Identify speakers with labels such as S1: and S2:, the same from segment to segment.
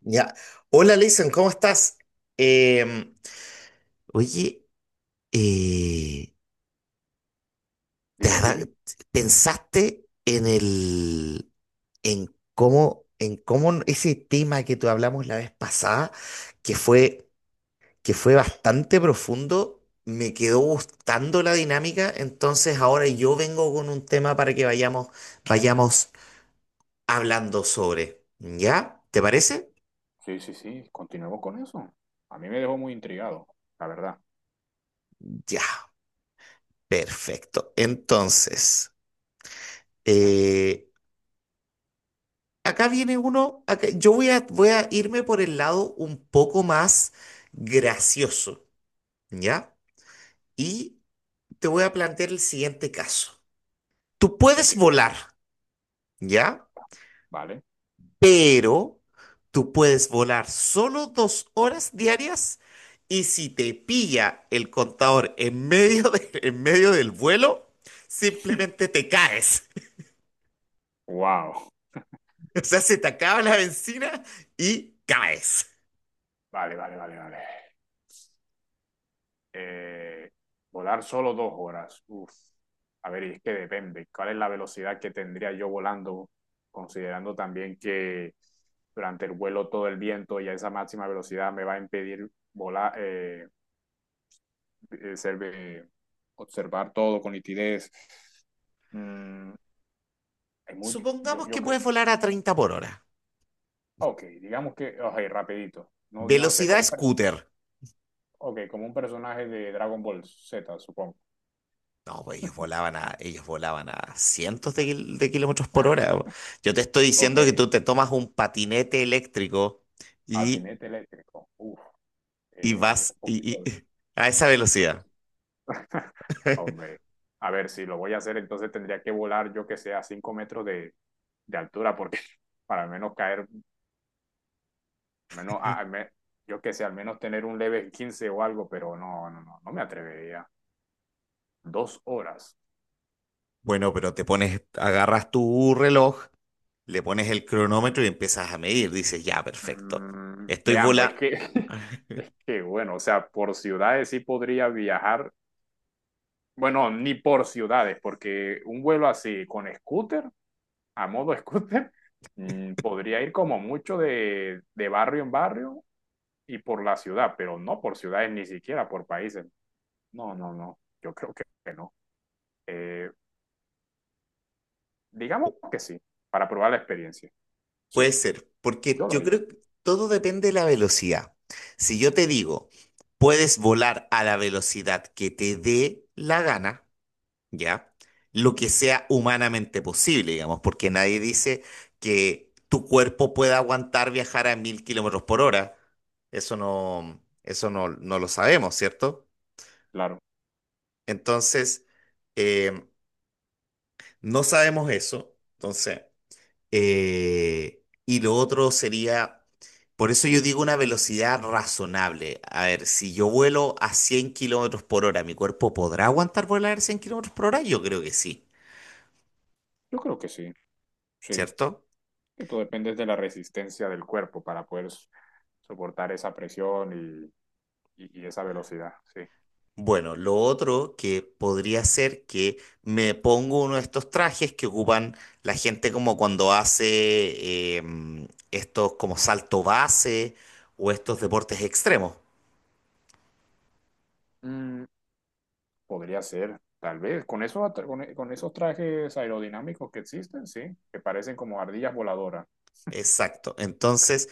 S1: Ya. Hola, Leison, ¿cómo estás? Em, oye, eh, ¿te ha
S2: Dime,
S1: da-
S2: dime.
S1: ¿pensaste en el, en cómo ese tema que tú hablamos la vez pasada, que fue, que fue bastante profundo, me quedó gustando la dinámica, entonces ahora yo vengo con un tema para que vayamos, vayamos hablando sobre, ¿ya? ¿Te parece?
S2: Sí, sí, sí, continuemos con eso. A mí me dejó muy intrigado, la verdad.
S1: Ya, perfecto. Entonces. Eh, acá viene uno, yo voy a, voy a irme por el lado un poco más gracioso, ¿ya? Y te voy a plantear el siguiente caso. Tú puedes
S2: Entiendo.
S1: volar, ¿ya?
S2: Vale.
S1: Pero tú puedes volar solo 2 horas diarias y si te pilla el contador en medio del vuelo, simplemente te caes.
S2: Wow.
S1: O sea, se te acaba la benzina y caes.
S2: Vale, vale, vale, vale. Eh, volar solo 2 horas. Uf. A ver, y es que depende. ¿Cuál es la velocidad que tendría yo volando? Considerando también que durante el vuelo todo el viento y a esa máxima velocidad me va a impedir volar, eh, ser- eh, observar todo con nitidez. Mm, Hay mucho, yo,
S1: Supongamos que puedes volar a 30 por hora.
S2: Ok, digamos que, ok, rapidito. No, yo no sé,
S1: Velocidad scooter.
S2: ok, como un personaje de Dragon Ball Z, supongo.
S1: No, pues ellos volaban a cientos de, de kilómetros por hora. Yo te estoy
S2: Ok,
S1: diciendo que tú te tomas un patinete eléctrico y,
S2: patinete eléctrico. Uf,
S1: y vas
S2: un
S1: y- y-
S2: poquito de.
S1: a esa velocidad.
S2: Hombre, a ver, si lo voy a hacer, entonces tendría que volar, yo que sé, a 5 metros de altura, porque para al menos caer, menos, yo que sé, al menos tener un leve 15 o algo, pero no, no, no, no me atrevería. 2 horas.
S1: Bueno, pero te pones, agarras tu reloj, le pones el cronómetro y empiezas a medir. Dices, ya, perfecto. Estoy
S2: Veamos, es que,
S1: vola.
S2: es que, bueno, o sea, por ciudades sí podría viajar, bueno, ni por ciudades, porque un vuelo así con scooter, a modo scooter, podría ir como mucho de barrio en barrio y por la ciudad, pero no por ciudades ni siquiera por países. No, no, no, yo creo que no. Eh, digamos que sí, para probar la experiencia. Sí,
S1: Puede ser, porque
S2: yo lo
S1: yo
S2: haría,
S1: creo que todo depende de la velocidad. Si yo te digo, puedes volar a la velocidad que te dé la gana, ¿ya? Lo que sea humanamente posible, digamos, porque nadie dice que tu cuerpo pueda aguantar viajar a 1000 kilómetros por hora. Eso no, no lo sabemos, ¿cierto?
S2: claro,
S1: Entonces, eh, no sabemos eso. Entonces. Y lo otro sería, por eso yo digo una velocidad razonable. A ver, si yo vuelo a 100 kilómetros por hora, ¿mi cuerpo podrá aguantar volar a 100 kilómetros por hora? Yo creo que sí,
S2: yo creo que sí, sí.
S1: ¿cierto?
S2: Que tú dependes de la resistencia del cuerpo para poder soportar esa presión y esa velocidad, sí.
S1: Bueno, lo otro que podría ser que me pongo uno de estos trajes que ocupan la gente como cuando hace estos como salto base o estos deportes extremos.
S2: Mm, Podría ser, tal vez, con, esos con, con esos trajes aerodinámicos que existen, sí, que parecen como ardillas voladoras.
S1: Exacto. Entonces,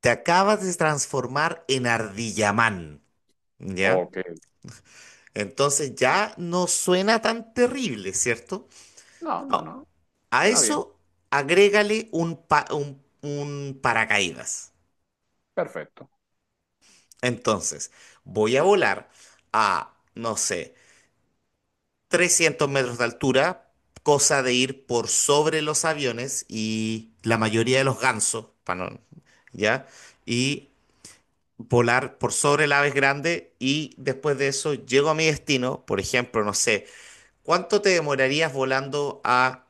S1: te acabas de transformar en Ardillamán, ¿ya?
S2: Ok.
S1: Entonces ya no suena tan terrible, ¿cierto?
S2: No, no,
S1: Ah,
S2: no,
S1: a
S2: suena bien,
S1: eso agrégale un, un paracaídas.
S2: perfecto.
S1: Entonces, voy a volar a, no sé, 300 metros de altura, cosa de ir por sobre los aviones y la mayoría de los gansos, pa' no- ¿ya? Y volar por sobre las aves grandes y después de eso llego a mi destino, por ejemplo, no sé, ¿cuánto te demorarías volando a,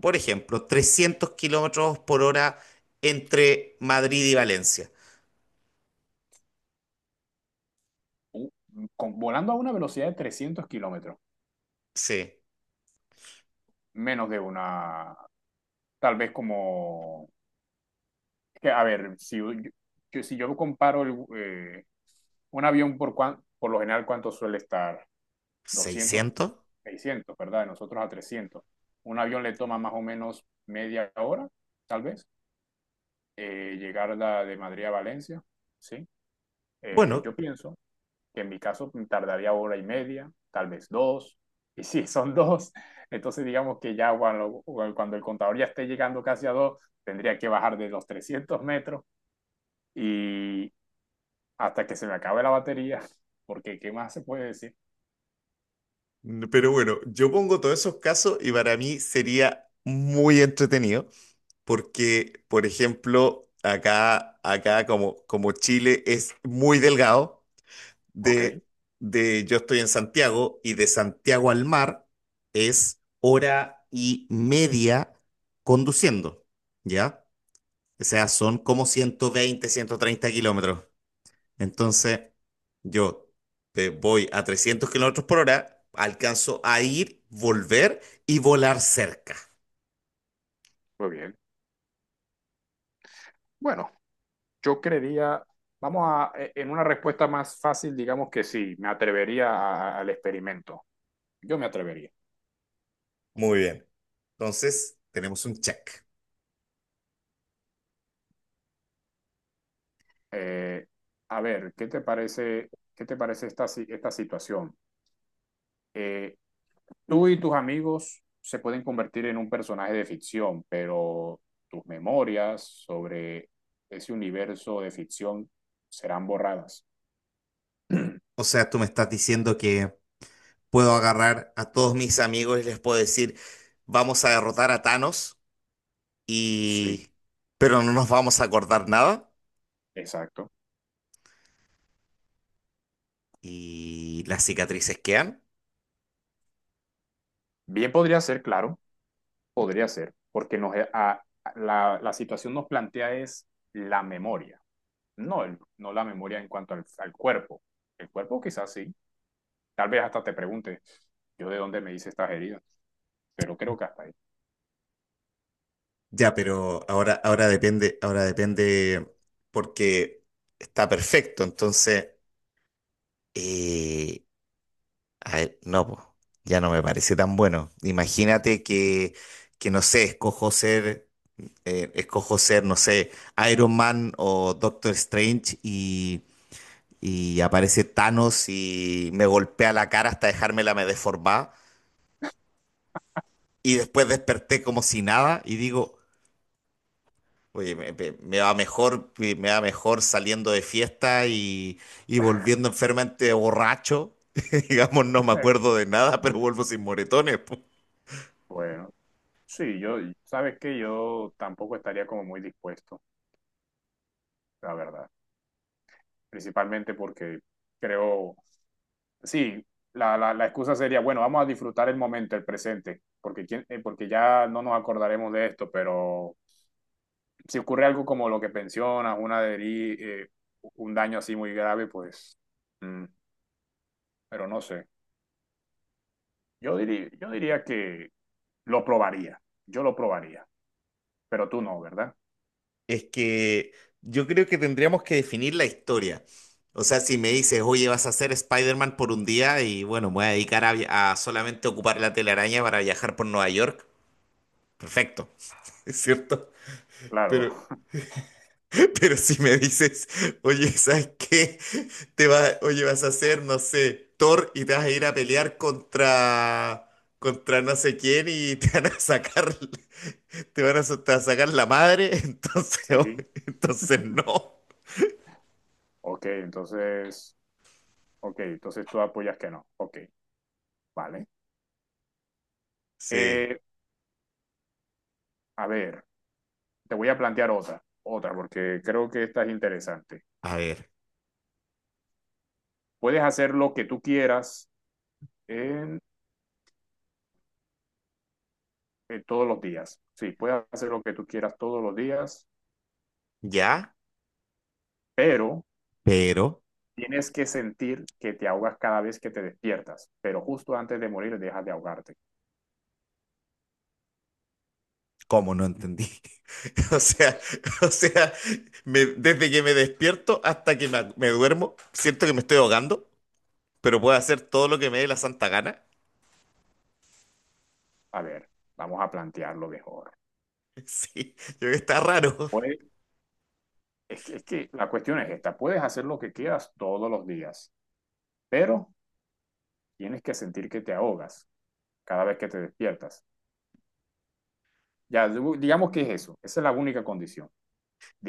S1: por ejemplo, 300 kilómetros por hora entre Madrid y Valencia?
S2: Uh, Volando a una velocidad de 300 kilómetros,
S1: Sí,
S2: menos de una, tal vez como que, a ver, si, yo, si yo comparo el, un avión por, por lo general, ¿cuánto suele estar? 200,
S1: 600.
S2: 600, ¿verdad? De nosotros a 300. Un avión le toma más o menos media hora, tal vez, llegar la de Madrid a Valencia, ¿sí? Eh,
S1: Bueno,
S2: yo pienso que en mi caso tardaría hora y media, tal vez dos, y si sí, son dos, entonces digamos que ya cuando el contador ya esté llegando casi a dos, tendría que bajar de los 300 metros y, hasta que se me acabe la batería, porque ¿qué más se puede decir?
S1: pero bueno, yo pongo todos esos casos y para mí sería muy entretenido porque, por ejemplo, acá, acá como, como Chile es muy delgado,
S2: Ok,
S1: de, de yo estoy en Santiago y de Santiago al mar es hora y media conduciendo, ¿ya? O sea, son como 120 130 kilómetros. Entonces, yo voy a 300 kilómetros por hora, alcanzo a ir, volver y volar cerca.
S2: muy bien. Bueno, yo creería, vamos a, en una respuesta más fácil, digamos que sí, me atrevería al experimento. Yo me atrevería.
S1: Muy bien. Entonces, tenemos un check.
S2: Eh, a ver, qué te parece esta, esta situación? Eh, tú y tus amigos se pueden convertir en un personaje de ficción, pero tus memorias sobre ese universo de ficción serán borradas.
S1: O sea, tú me estás diciendo que puedo agarrar a todos mis amigos y les puedo decir, vamos a derrotar a Thanos.
S2: Sí.
S1: Y... Pero no nos vamos a acordar nada
S2: Exacto.
S1: y las cicatrices quedan.
S2: Bien podría ser, claro, podría ser, porque nos, la situación nos plantea es la memoria, no, no la memoria en cuanto al cuerpo. El cuerpo quizás sí, tal vez hasta te pregunte, yo de dónde me hice estas heridas, pero creo que hasta ahí.
S1: Ya, pero ahora, ahora depende porque está perfecto. Entonces, eh, a ver, no, po, ya no me parece tan bueno. Imagínate que no sé, escojo ser, no sé, Iron Man o Doctor Strange y aparece Thanos y me golpea la cara hasta dejármela me y después desperté como si nada y digo, oye, me va mejor, me va mejor saliendo de fiesta y volviendo enfermamente borracho. Digamos, no me acuerdo de nada, pero vuelvo sin moretones. Po.
S2: Bueno, sí, yo, sabes que yo tampoco estaría como muy dispuesto, la verdad, principalmente porque creo. Sí, la excusa sería, bueno, vamos a disfrutar el momento, el presente, porque, porque ya no nos acordaremos de esto, pero si ocurre algo como lo que mencionas, una un daño así muy grave, pues, mm, pero no sé. Yo diría que lo probaría, yo lo probaría, pero tú no, ¿verdad?
S1: Es que yo creo que tendríamos que definir la historia. O sea, si me dices, oye, vas a ser Spider-Man por un día y bueno, me voy a dedicar a, a solamente ocupar la telaraña para viajar por Nueva York, perfecto, es cierto.
S2: Claro,
S1: Pero Pero si me dices, oye, ¿sabes qué? Te va, oye, vas a hacer, no sé, Thor y te vas a ir a pelear contra, contra no sé quién y te van a sacar, te va a sacar la madre, entonces, oh,
S2: sí,
S1: entonces no.
S2: ok, entonces, ok, entonces tú apoyas que no, ok, vale.
S1: Sí,
S2: Eh, a ver, te voy a plantear otra, otra, porque creo que esta es interesante.
S1: a ver,
S2: Puedes hacer lo que tú quieras en, en todos los días. Sí, puedes hacer lo que tú quieras todos los días,
S1: ya,
S2: pero
S1: pero,
S2: tienes que sentir que te ahogas cada vez que te despiertas, pero justo antes de morir dejas de ahogarte.
S1: ¿cómo no entendí? O sea, o sea, desde que me despierto hasta que me duermo, siento que me estoy ahogando, pero puedo hacer todo lo que me dé la santa gana.
S2: A ver, vamos a plantearlo mejor.
S1: Sí, yo creo que está raro.
S2: Puedes, es que la cuestión es esta, puedes hacer lo que quieras todos los días, pero tienes que sentir que te ahogas cada vez que te despiertas. Ya, digamos que es eso, esa es la única condición.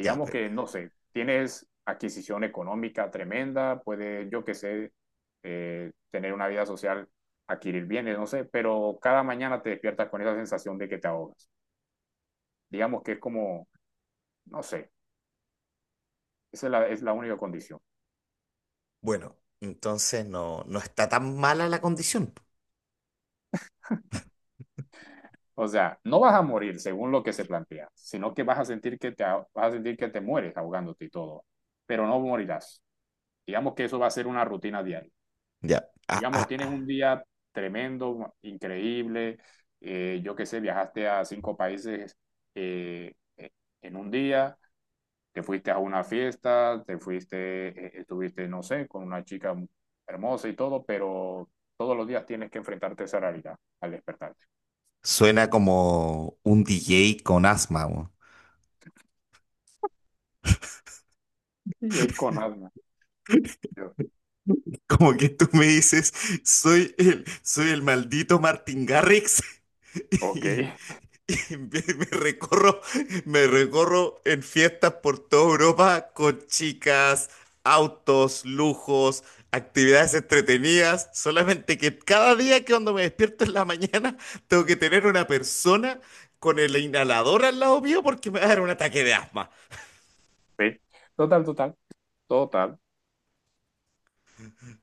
S1: Ya, pues,
S2: que, no sé, tienes adquisición económica tremenda, puedes, yo qué sé, tener una vida social, adquirir bienes, no sé, pero cada mañana te despiertas con esa sensación de que te ahogas. Digamos que es como, no sé, esa es la única condición.
S1: bueno, entonces no, no está tan mala la condición.
S2: O sea, no vas a morir según lo que se plantea, sino que vas a sentir que te mueres ahogándote y todo, pero no morirás. Digamos que eso va a ser una rutina diaria.
S1: Ya, ah,
S2: Digamos,
S1: ah,
S2: tienes un
S1: ah.
S2: día tremendo, increíble, yo qué sé, viajaste a cinco países, eh, eh, en un día, te fuiste a una fiesta, estuviste, no sé, con una chica hermosa y todo, pero todos los días tienes que enfrentarte a esa realidad al despertarte.
S1: Suena como un DJ con asma, weón.
S2: Y ahí con alma. Yo,
S1: Como que tú me dices, soy el maldito Martin Garrix.
S2: ok,
S1: Y, y me, me recorro, me recorro en fiestas por toda Europa con chicas, autos, lujos, actividades entretenidas. Solamente que cada día que cuando me despierto en la mañana tengo que tener una persona con el inhalador al lado mío porque me va a dar un ataque de asma.
S2: sí, total, total, total,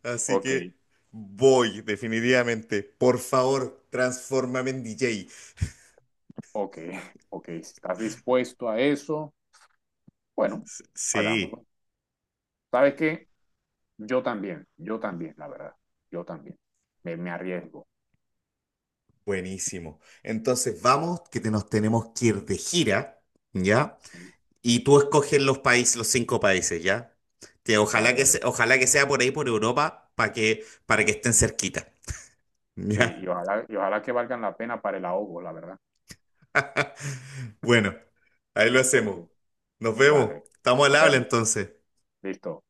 S1: Así
S2: ok,
S1: que voy, definitivamente. Por favor, transfórmame en DJ.
S2: ok, ok, si estás dispuesto a eso, bueno,
S1: Sí.
S2: hagámoslo. ¿Sabes qué? Yo también, la verdad, yo también. Me arriesgo,
S1: Buenísimo. Entonces vamos, que te- nos tenemos que ir de gira, ¿ya?
S2: sí,
S1: Y tú escoges los países, los 5 países, ¿ya? Que ojalá
S2: vale,
S1: que
S2: vale.
S1: ojalá que sea por ahí por Europa para que estén cerquita,
S2: Sí, y
S1: ¿ya?
S2: ojalá, y ojalá que valgan la pena para el ahogo, la verdad.
S1: Bueno, ahí lo
S2: Ok,
S1: hacemos. Nos vemos.
S2: vale,
S1: Estamos al
S2: nos
S1: habla
S2: vemos,
S1: entonces.
S2: listo.